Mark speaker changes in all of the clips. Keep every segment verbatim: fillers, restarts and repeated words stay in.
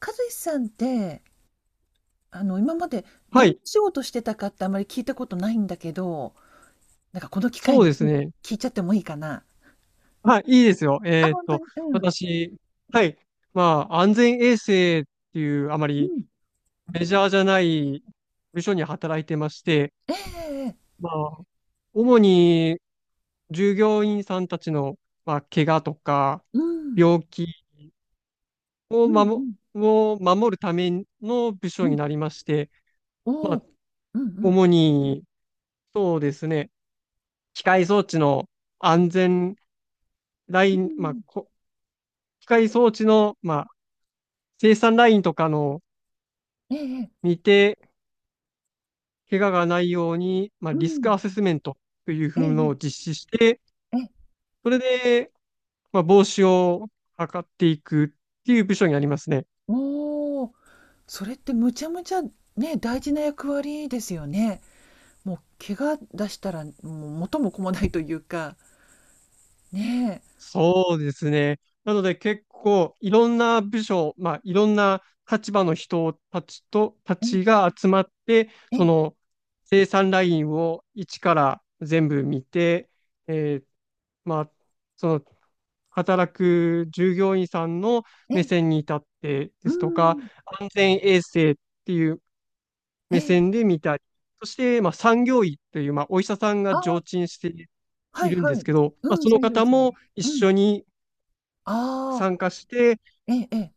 Speaker 1: 和志さんって、あの、今までど
Speaker 2: は
Speaker 1: んな
Speaker 2: い、
Speaker 1: 仕事してたかってあまり聞いたことないんだけど、なんかこの機会
Speaker 2: そう
Speaker 1: に
Speaker 2: です
Speaker 1: 聞い
Speaker 2: ね。
Speaker 1: 聞いちゃってもいいかな。
Speaker 2: はい、いいですよ。
Speaker 1: あ、
Speaker 2: えーっ
Speaker 1: 本当
Speaker 2: と、
Speaker 1: に。うん。
Speaker 2: 私、はい、まあ、安全衛生っていうあま
Speaker 1: う
Speaker 2: り
Speaker 1: ん。
Speaker 2: メジャーじゃない部署に働いてまして、
Speaker 1: ええええ。
Speaker 2: まあ、主に従業員さんたちの、まあ、怪我とか
Speaker 1: うん。
Speaker 2: 病気を
Speaker 1: う
Speaker 2: 守、
Speaker 1: ん
Speaker 2: を守るための部
Speaker 1: うん
Speaker 2: 署
Speaker 1: う
Speaker 2: に
Speaker 1: ん。
Speaker 2: なりまして、ま
Speaker 1: お
Speaker 2: あ、
Speaker 1: お。うんうん。
Speaker 2: 主に、そうですね、機械装置の安全ラ
Speaker 1: う
Speaker 2: イン、まあ、
Speaker 1: ん。
Speaker 2: こ機械装置の、ま生産ラインとかの
Speaker 1: ええええ。
Speaker 2: 見て、怪我がないように、まあ、
Speaker 1: う
Speaker 2: リスク
Speaker 1: ん。
Speaker 2: アセスメントというふうの
Speaker 1: え
Speaker 2: を
Speaker 1: え
Speaker 2: 実施して、
Speaker 1: ええ。ええ。
Speaker 2: それで、まあ、防止を図っていくっていう部署にありますね。
Speaker 1: おお。それってむちゃむちゃね、大事な役割ですよね。もう怪我出したらもう元も子もないというか。ね
Speaker 2: そうですね。なので結構いろんな部署、まあいろんな立場の人たちと、た
Speaker 1: え。
Speaker 2: ちが集まって、
Speaker 1: えええ
Speaker 2: そ
Speaker 1: え。
Speaker 2: の生産ラインを一から全部見て、えーまあ、その働く従業員さんの
Speaker 1: え
Speaker 2: 目
Speaker 1: え。
Speaker 2: 線に立って
Speaker 1: う
Speaker 2: ですとか、
Speaker 1: ん。
Speaker 2: 安全衛生っていう
Speaker 1: え
Speaker 2: 目
Speaker 1: え。
Speaker 2: 線で見たり、そして、まあ、産業医という、まあ、お医者さん
Speaker 1: あ
Speaker 2: が
Speaker 1: あ、
Speaker 2: 常駐して
Speaker 1: は
Speaker 2: い
Speaker 1: い
Speaker 2: るん
Speaker 1: は
Speaker 2: で
Speaker 1: い。
Speaker 2: すけど、まあ、
Speaker 1: うん、
Speaker 2: その
Speaker 1: 作業
Speaker 2: 方
Speaker 1: する。
Speaker 2: も一
Speaker 1: うん。
Speaker 2: 緒に
Speaker 1: あ
Speaker 2: 参
Speaker 1: あ、
Speaker 2: 加して、
Speaker 1: ええええ。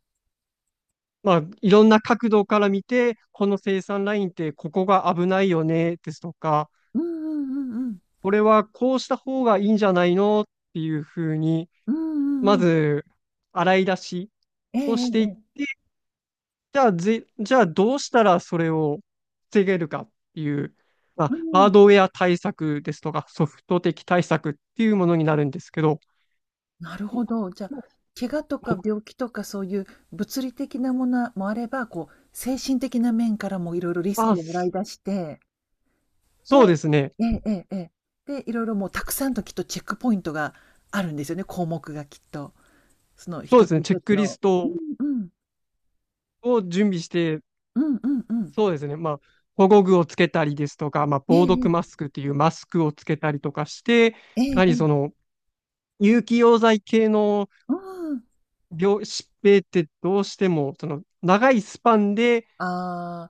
Speaker 2: まあ、いろんな角度から見て、この生産ラインってここが危ないよねですとか、
Speaker 1: うんうんうんうん。
Speaker 2: これはこうした方がいいんじゃないのっていうふうに、
Speaker 1: うん
Speaker 2: ま
Speaker 1: うんうん。
Speaker 2: ず洗い出し
Speaker 1: ええ
Speaker 2: を
Speaker 1: ええ
Speaker 2: してい
Speaker 1: え
Speaker 2: っ
Speaker 1: え。
Speaker 2: て、じゃあぜ、じゃあどうしたらそれを防げるかっていう、まあ、
Speaker 1: う
Speaker 2: ハー
Speaker 1: ん。
Speaker 2: ドウェア対策ですとか、ソフト的対策っていうものになるんですけど、
Speaker 1: なるほど。じゃあ、怪我とか病気とかそういう物理的なものもあれば、こう、精神的な面からもいろいろリス
Speaker 2: まあ、
Speaker 1: クを洗い出して、で
Speaker 2: そうですね。
Speaker 1: ええええええ。で、いろいろもうたくさんときっとチェックポイントがあるんですよね、項目がきっと。その
Speaker 2: そう
Speaker 1: 一
Speaker 2: で
Speaker 1: つ
Speaker 2: すね。チェ
Speaker 1: 一
Speaker 2: ッ
Speaker 1: つ
Speaker 2: クリス
Speaker 1: の。
Speaker 2: ト
Speaker 1: うんうん。
Speaker 2: を準備して、
Speaker 1: うんうんうん。
Speaker 2: そうですね。まあ、保護具をつけたりですとか、まあ、防毒
Speaker 1: え
Speaker 2: マ
Speaker 1: え
Speaker 2: スクっていうマスクをつけたりとかして、や
Speaker 1: ええ。ええ
Speaker 2: は
Speaker 1: え
Speaker 2: りそ
Speaker 1: え。
Speaker 2: の有機溶剤系の
Speaker 1: うん。
Speaker 2: 病、疾病ってどうしても、その長いスパンで
Speaker 1: ああ、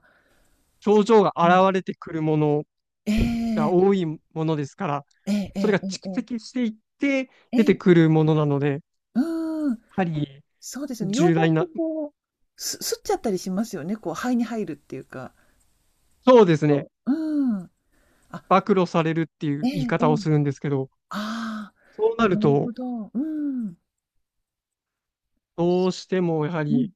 Speaker 2: 症状が
Speaker 1: うん。
Speaker 2: 現れてくるもの
Speaker 1: え
Speaker 2: が多
Speaker 1: え
Speaker 2: いものですから、
Speaker 1: えええ
Speaker 2: それが
Speaker 1: え
Speaker 2: 蓄
Speaker 1: え
Speaker 2: 積
Speaker 1: え
Speaker 2: していって
Speaker 1: え
Speaker 2: 出て
Speaker 1: え。
Speaker 2: く
Speaker 1: え
Speaker 2: るものなので、や
Speaker 1: うん、
Speaker 2: はり
Speaker 1: そうですよね。溶
Speaker 2: 重
Speaker 1: 剤っ
Speaker 2: 大
Speaker 1: て
Speaker 2: な、
Speaker 1: こう、す吸っちゃったりしますよね、こう肺に入るっていうか。
Speaker 2: そうですね。
Speaker 1: そう。うん。あ、
Speaker 2: 暴露されるってい
Speaker 1: え
Speaker 2: う言い
Speaker 1: ええ
Speaker 2: 方をす
Speaker 1: え。
Speaker 2: るんですけど、
Speaker 1: あ
Speaker 2: そうな
Speaker 1: あ、
Speaker 2: る
Speaker 1: なるほ
Speaker 2: と、
Speaker 1: ど。うん。
Speaker 2: どうしてもやは
Speaker 1: う
Speaker 2: り
Speaker 1: ん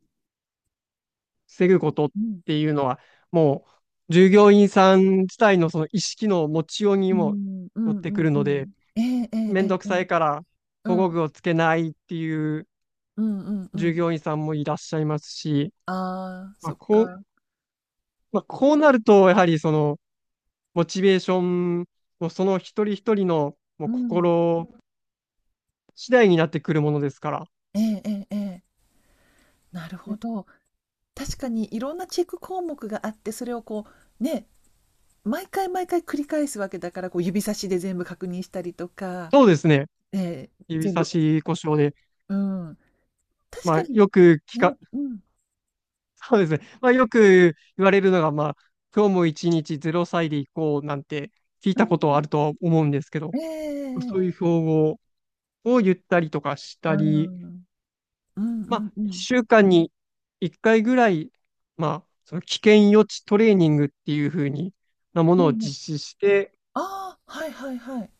Speaker 2: 防ぐことっ
Speaker 1: うん。
Speaker 2: ていうのは、もう従業員さん自体のその意識の持ちよう
Speaker 1: う
Speaker 2: に
Speaker 1: ー
Speaker 2: も
Speaker 1: ん、う
Speaker 2: よ
Speaker 1: ん
Speaker 2: っ
Speaker 1: うんう
Speaker 2: てく
Speaker 1: ん
Speaker 2: る
Speaker 1: う
Speaker 2: ので、
Speaker 1: んうんうんうんええええ
Speaker 2: め
Speaker 1: え
Speaker 2: んど
Speaker 1: え
Speaker 2: く
Speaker 1: え
Speaker 2: さ
Speaker 1: え。
Speaker 2: いから
Speaker 1: う
Speaker 2: 保護
Speaker 1: ん。
Speaker 2: 具をつけないっていう
Speaker 1: うんうんう
Speaker 2: 従
Speaker 1: ん。
Speaker 2: 業員さんもいらっしゃいますし、
Speaker 1: ああ、
Speaker 2: ま
Speaker 1: そ
Speaker 2: あ、
Speaker 1: っ
Speaker 2: こう、
Speaker 1: か。
Speaker 2: まあ、こうなると、やはりそのモチベーションもその一人一人のもう
Speaker 1: うん。
Speaker 2: 心次第になってくるものですから。
Speaker 1: ええええええ。なる
Speaker 2: う
Speaker 1: ほ
Speaker 2: ん、
Speaker 1: ど。確かにいろんなチェック項目があって、それをこう、ね、毎回毎回繰り返すわけだから、こう指差しで全部確認したりとか、
Speaker 2: そうですね。
Speaker 1: ええ、
Speaker 2: 指
Speaker 1: 全
Speaker 2: 差
Speaker 1: 部
Speaker 2: し故障で。
Speaker 1: うん、確
Speaker 2: ま
Speaker 1: か
Speaker 2: あ、
Speaker 1: に、
Speaker 2: よく聞
Speaker 1: ね、
Speaker 2: か、
Speaker 1: うん、
Speaker 2: そうですね。まあ、よく言われるのが、まあ、今日も一日ゼロさいで行こうなんて聞い
Speaker 1: う
Speaker 2: たことは
Speaker 1: ん、
Speaker 2: あるとは思うんですけど、
Speaker 1: ええ
Speaker 2: そういう
Speaker 1: ええ
Speaker 2: 標語を言ったりとかし
Speaker 1: う
Speaker 2: たり、
Speaker 1: ん。うんう
Speaker 2: ま
Speaker 1: ん
Speaker 2: あ、
Speaker 1: うん。
Speaker 2: いっしゅうかんにいっかいぐらい、まあ、その危険予知トレーニングっていう風になも
Speaker 1: う
Speaker 2: のを
Speaker 1: んうん。
Speaker 2: 実施して、
Speaker 1: ああ、はいはいはい。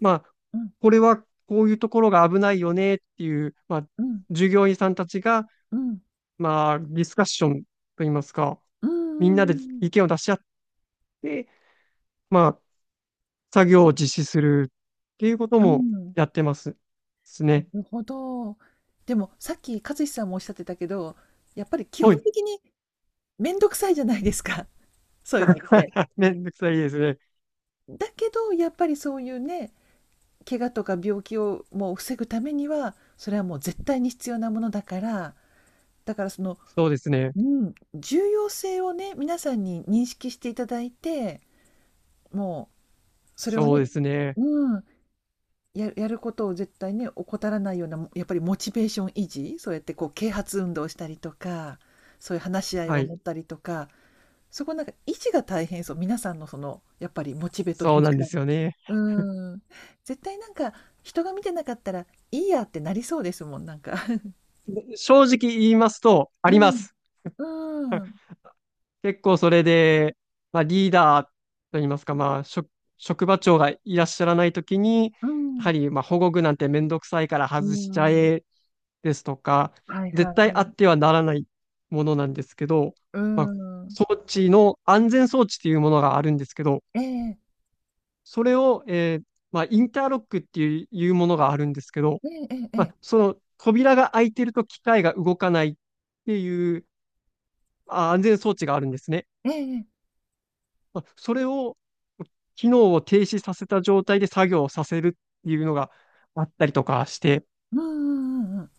Speaker 2: まあ、
Speaker 1: うん、
Speaker 2: これはこういうところが危ないよねっていう、まあ、
Speaker 1: うん、
Speaker 2: 従業員さんたちが、
Speaker 1: うん。
Speaker 2: まあ、ディスカッションといいますか、
Speaker 1: う
Speaker 2: み
Speaker 1: ん
Speaker 2: ん
Speaker 1: う
Speaker 2: なで
Speaker 1: ん
Speaker 2: 意見を出し合っで、まあ、作業を実施するっていうこと
Speaker 1: う
Speaker 2: も
Speaker 1: んうん。うん。
Speaker 2: やってます。です
Speaker 1: な
Speaker 2: ね。
Speaker 1: るほど。でも、さっき勝志さんもおっしゃってたけど、やっぱり基
Speaker 2: は
Speaker 1: 本
Speaker 2: い。
Speaker 1: 的に面倒くさいじゃないですか、そういうのって。
Speaker 2: めんどくさいですね。
Speaker 1: だけど、やっぱりそういうね、怪我とか病気をもう防ぐためにはそれはもう絶対に必要なものだからだからその、
Speaker 2: そうですね。
Speaker 1: うん、重要性をね皆さんに認識していただいてもうそれを
Speaker 2: そうで
Speaker 1: ね、
Speaker 2: すね。
Speaker 1: うん、ややることを絶対ね怠らないようなやっぱりモチベーション維持、そうやってこう啓発運動をしたりとか、そういう話し合い
Speaker 2: は
Speaker 1: を
Speaker 2: い。
Speaker 1: 持ったりとか、そこなんか維持が大変そう、皆さんのそのやっぱりモチベと
Speaker 2: そ
Speaker 1: い
Speaker 2: う
Speaker 1: う
Speaker 2: なんで
Speaker 1: か。
Speaker 2: すよね。
Speaker 1: うーん。絶対なんか、人が見てなかったら、いいやってなりそうですもん、なんか。
Speaker 2: 正直言いますと、あり
Speaker 1: う
Speaker 2: ま
Speaker 1: ん。
Speaker 2: す。
Speaker 1: うーん。
Speaker 2: 結構それで、まあ、リーダーといいますか、まあ、職、職場長がいらっしゃらないときに、
Speaker 1: う
Speaker 2: や
Speaker 1: ん。
Speaker 2: はり、まあ、保護具なんてめんどくさいから
Speaker 1: うー
Speaker 2: 外しちゃ
Speaker 1: ん。
Speaker 2: えですとか、
Speaker 1: はいはいは
Speaker 2: 絶対あ
Speaker 1: い。
Speaker 2: ってはならないものなんですけど、
Speaker 1: うー
Speaker 2: まあ、
Speaker 1: ん。
Speaker 2: 装置の安全装置っていうものがあるんですけど、
Speaker 1: ええ。
Speaker 2: それを、えーまあ、インターロックっていういうものがあるんですけど、
Speaker 1: えええええ
Speaker 2: まあ、
Speaker 1: え。
Speaker 2: その扉が開いてると機械が動かないっていうあ安全装置があるんですね。
Speaker 1: ええええ
Speaker 2: まあ、それを、機能を停止させた状態で作業をさせるっていうのがあったりとかして、
Speaker 1: うんうんうん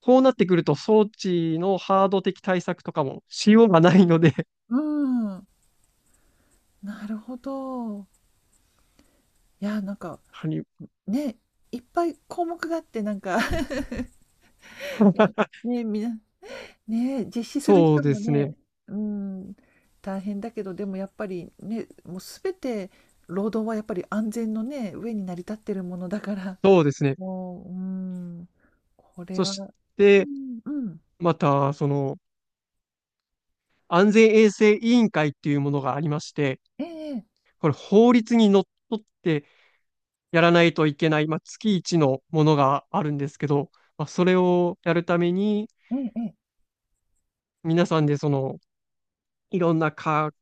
Speaker 2: こうなってくると装置のハード的対策とかもしようがないので
Speaker 1: うん。うーん。なるほど。いや、なんか、
Speaker 2: 谷、
Speaker 1: ね、いっぱい項目があってなんか ね、みんなね、実施する
Speaker 2: そう
Speaker 1: 人
Speaker 2: で
Speaker 1: も
Speaker 2: す
Speaker 1: ね、
Speaker 2: ね。
Speaker 1: うん、大変だけど、でもやっぱりね、もうすべて労働はやっぱり安全のね、上に成り立ってるものだから、
Speaker 2: そう ですね。
Speaker 1: もう、うん、これ
Speaker 2: そ
Speaker 1: は、
Speaker 2: し
Speaker 1: う
Speaker 2: て、
Speaker 1: ん、うん、
Speaker 2: また、その、安全衛生委員会っていうものがありまして、
Speaker 1: ええ、
Speaker 2: これ法律にのっとってやらないといけない、まあ、月一のものがあるんですけど、まあ、それをやるために、
Speaker 1: ええ、ええ、
Speaker 2: 皆さんでその、いろんな科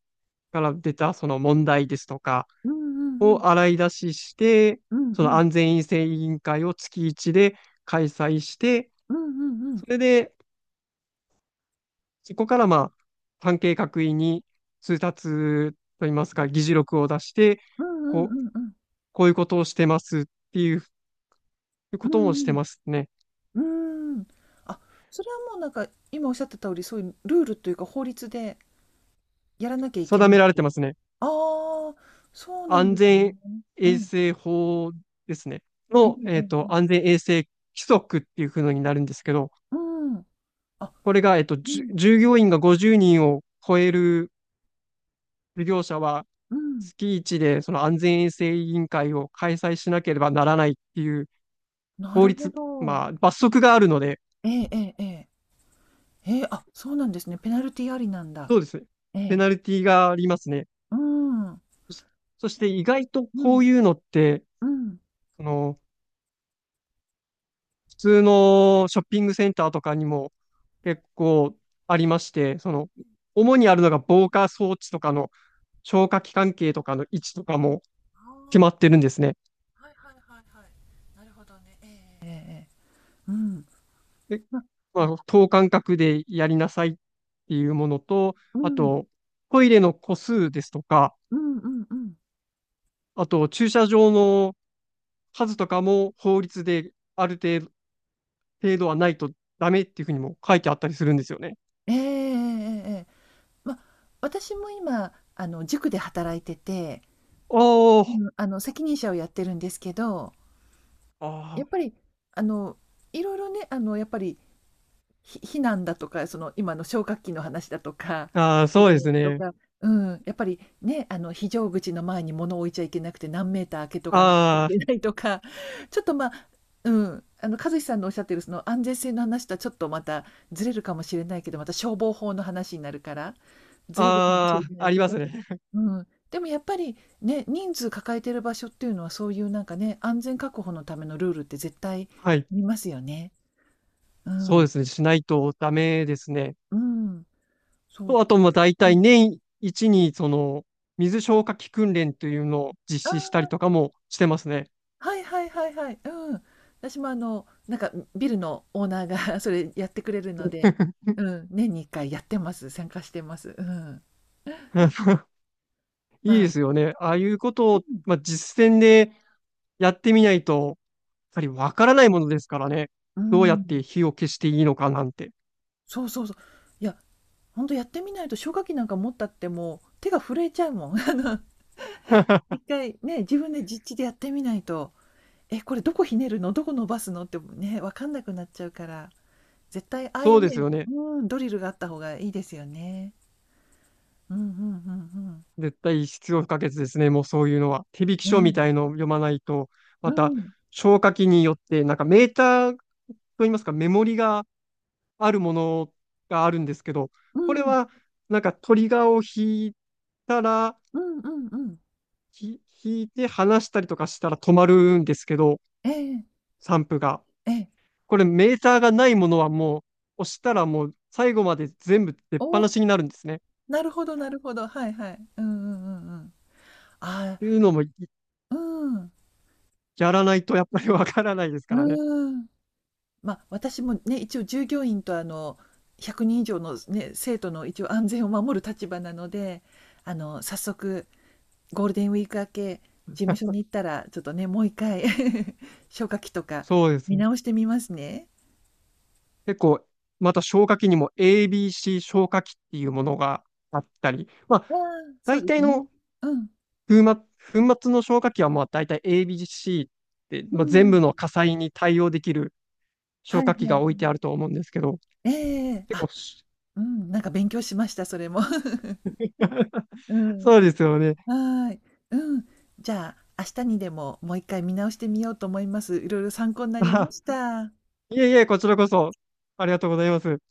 Speaker 2: から出たその問題ですとか
Speaker 1: うん、う
Speaker 2: を
Speaker 1: ん、
Speaker 2: 洗い出しして、
Speaker 1: うん、うん、
Speaker 2: そ
Speaker 1: う
Speaker 2: の
Speaker 1: ん、
Speaker 2: 安全衛生委員会を月一で開催して、
Speaker 1: うん、うん、うん、
Speaker 2: それでそこからまあ、関係各位に通達といいますか、議事録を出して、
Speaker 1: うん、う
Speaker 2: こう、
Speaker 1: ん、うん、
Speaker 2: こういうことをしてますっていう
Speaker 1: う
Speaker 2: こともして
Speaker 1: ん、
Speaker 2: ますね。
Speaker 1: うんうん、うん、あ、それはもうなんか、今おっしゃってた通り、そういうルールというか法律でやらなきゃいけ
Speaker 2: 定
Speaker 1: な
Speaker 2: め
Speaker 1: い。
Speaker 2: られ
Speaker 1: あ
Speaker 2: てますね。
Speaker 1: あ、そうなん
Speaker 2: 安
Speaker 1: ですね。
Speaker 2: 全
Speaker 1: う
Speaker 2: 衛
Speaker 1: ん。
Speaker 2: 生法ですね。
Speaker 1: ええ
Speaker 2: の、
Speaker 1: え
Speaker 2: え
Speaker 1: え
Speaker 2: っ
Speaker 1: え
Speaker 2: と、
Speaker 1: え。
Speaker 2: 安全衛生規則っていうふうになるんですけど、
Speaker 1: うん。あ、
Speaker 2: これが、えっと、
Speaker 1: う
Speaker 2: じゅ
Speaker 1: ん、
Speaker 2: 従業員がごじゅうにんを超える事業者は、
Speaker 1: うん。
Speaker 2: 月いちでその安全衛生委員会を開催しなければならないっていう
Speaker 1: な
Speaker 2: 法
Speaker 1: るほ
Speaker 2: 律、
Speaker 1: ど。
Speaker 2: まあ、罰則があるので、
Speaker 1: ええええええ。ええ、あ、そうなんですね。ペナルティありなんだ。
Speaker 2: そうですね。
Speaker 1: え
Speaker 2: ペ
Speaker 1: え。
Speaker 2: ナルティがありますね。
Speaker 1: うん。
Speaker 2: そし、そして意外と
Speaker 1: う
Speaker 2: こ
Speaker 1: ん、
Speaker 2: ういうのって、
Speaker 1: うん。
Speaker 2: あの、普通のショッピングセンターとかにも結構ありまして、その、主にあるのが防火装置とかの消火器関係とかの位置とかも
Speaker 1: あ
Speaker 2: 決ま
Speaker 1: あ、
Speaker 2: ってるんですね。
Speaker 1: はいはいはいはい。なるほどね。ええ、うん。
Speaker 2: で、
Speaker 1: ま、う
Speaker 2: ま
Speaker 1: ん、
Speaker 2: あ、等間隔でやりなさいっていうものと、
Speaker 1: う
Speaker 2: あ
Speaker 1: ん、
Speaker 2: と、トイレの個数ですとか、
Speaker 1: うんうんうん。
Speaker 2: あと、駐車場の数とかも法律である程程度はないとダメっていうふうにも書いてあったりするんですよね。
Speaker 1: ええええええええ。ま、私も今、あの、塾で働いてて、
Speaker 2: おー、
Speaker 1: うん、あの、責任者をやってるんですけど、
Speaker 2: あ
Speaker 1: やっぱり、あの、いろいろね、あの、やっぱりひ避難だとか、その今の消火器の話だとか、
Speaker 2: ーあー、
Speaker 1: ど
Speaker 2: そ
Speaker 1: こ
Speaker 2: うで
Speaker 1: に
Speaker 2: す
Speaker 1: 置くと
Speaker 2: ね。
Speaker 1: か、うん、やっぱりね、あの非常口の前に物を置いちゃいけなくて、何メーター開けとかなちゃい
Speaker 2: あ
Speaker 1: けないとか、ちょっとまあ、うん、あの和志さんのおっしゃってるその安全性の話とはちょっとまたずれるかもしれないけど、また消防法の話になるから、ずれるかもしれ
Speaker 2: あ、あ
Speaker 1: な
Speaker 2: あ、
Speaker 1: い
Speaker 2: あり
Speaker 1: け
Speaker 2: ま
Speaker 1: ど、
Speaker 2: すね。
Speaker 1: うん、でもやっぱりね、人数抱えてる場所っていうのは、そういうなんかね、安全確保のためのルールって絶対
Speaker 2: はい。
Speaker 1: 見ますよね。う
Speaker 2: そう
Speaker 1: ん、
Speaker 2: ですね。しないとダメですね。
Speaker 1: うん。そう、
Speaker 2: と、あと、まあ、大
Speaker 1: う
Speaker 2: 体
Speaker 1: ん。
Speaker 2: 年一に、その、水消火器訓練というのを実施した
Speaker 1: あ
Speaker 2: りとかもしてますね。
Speaker 1: あ、はいはいはいはい。うん。私もあの、なんか、ビルのオーナーが それやってくれるので、うん、年にいっかいやってます。参加してます。うん。ま
Speaker 2: いいで
Speaker 1: あ、
Speaker 2: すよね。ああいうこと
Speaker 1: う
Speaker 2: を、
Speaker 1: ん、
Speaker 2: まあ、実践でやってみないと、やっぱりわからないものですからね。
Speaker 1: う
Speaker 2: どうやって
Speaker 1: ん。
Speaker 2: 火を消していいのかなんて。
Speaker 1: そうそうそう。いや、ほんとやってみないと消火器なんか持ったってもう手が震えちゃうもん。あの、いっかいね、自分で実地でやってみないと、え、これどこひねるの、どこ伸ばすのってね、わかんなくなっちゃうから、絶対ああい
Speaker 2: そ
Speaker 1: う
Speaker 2: うです
Speaker 1: ね、
Speaker 2: よね。
Speaker 1: うん、ドリルがあった方がいいですよね。うんうんうんうん。
Speaker 2: 絶対必要不可欠ですね。もうそういうのは。手引き
Speaker 1: う
Speaker 2: 書み
Speaker 1: ん、
Speaker 2: たいのを読まないと、
Speaker 1: う
Speaker 2: また
Speaker 1: ん、
Speaker 2: 消火器によって、なんかメーターといいますか、メモリがあるものがあるんですけど、
Speaker 1: う
Speaker 2: これ
Speaker 1: ん、
Speaker 2: はなんかトリガーを引いたら、
Speaker 1: うんうんうん。
Speaker 2: ひ引いて離したりとかしたら止まるんですけど、
Speaker 1: ええ、
Speaker 2: 散布が。
Speaker 1: ええ。
Speaker 2: これメーターがないものはもう押したらもう最後まで全部出っ
Speaker 1: お
Speaker 2: 放
Speaker 1: お、
Speaker 2: しになるんですね。っ
Speaker 1: なるほどなるほど。はいはい。うんうんうんうん。ああ、
Speaker 2: ていうのも
Speaker 1: うんうんええええおなるほどなる
Speaker 2: やらないとやっぱりわからないですか
Speaker 1: ほど
Speaker 2: ら
Speaker 1: はいは
Speaker 2: ね。
Speaker 1: いうんうんうんうんああうんうん。まあ、私もね、一応従業員とあの、ひゃくにん以上のね、生徒の一応安全を守る立場なので、あの、早速ゴールデンウィーク明け、事務所に行ったら、ちょっとね、もう一回 消火器とか
Speaker 2: そうです
Speaker 1: 見
Speaker 2: ね。
Speaker 1: 直してみますね。
Speaker 2: 結構、また消火器にも エービーシー 消火器っていうものがあったり、まあ、
Speaker 1: ああ、そう
Speaker 2: 大
Speaker 1: です
Speaker 2: 体
Speaker 1: ね。
Speaker 2: の
Speaker 1: うん、
Speaker 2: 粉末、粉末の消火器はまあ大体 エービーシー って、
Speaker 1: うん
Speaker 2: まあ、全
Speaker 1: うん。
Speaker 2: 部の火災に対応できる
Speaker 1: は
Speaker 2: 消
Speaker 1: い
Speaker 2: 火器
Speaker 1: は
Speaker 2: が置い
Speaker 1: い。
Speaker 2: てあると思うんですけど、
Speaker 1: ええ
Speaker 2: 結
Speaker 1: あ、
Speaker 2: 構
Speaker 1: うん、なんか勉強しました、それも。うん。
Speaker 2: そうですよね。
Speaker 1: はい。うん。じゃあ、明日にでももういっかい見直してみようと思います。いろいろ参考になりま
Speaker 2: あ
Speaker 1: した。
Speaker 2: いえいえ、こちらこそ、ありがとうございます。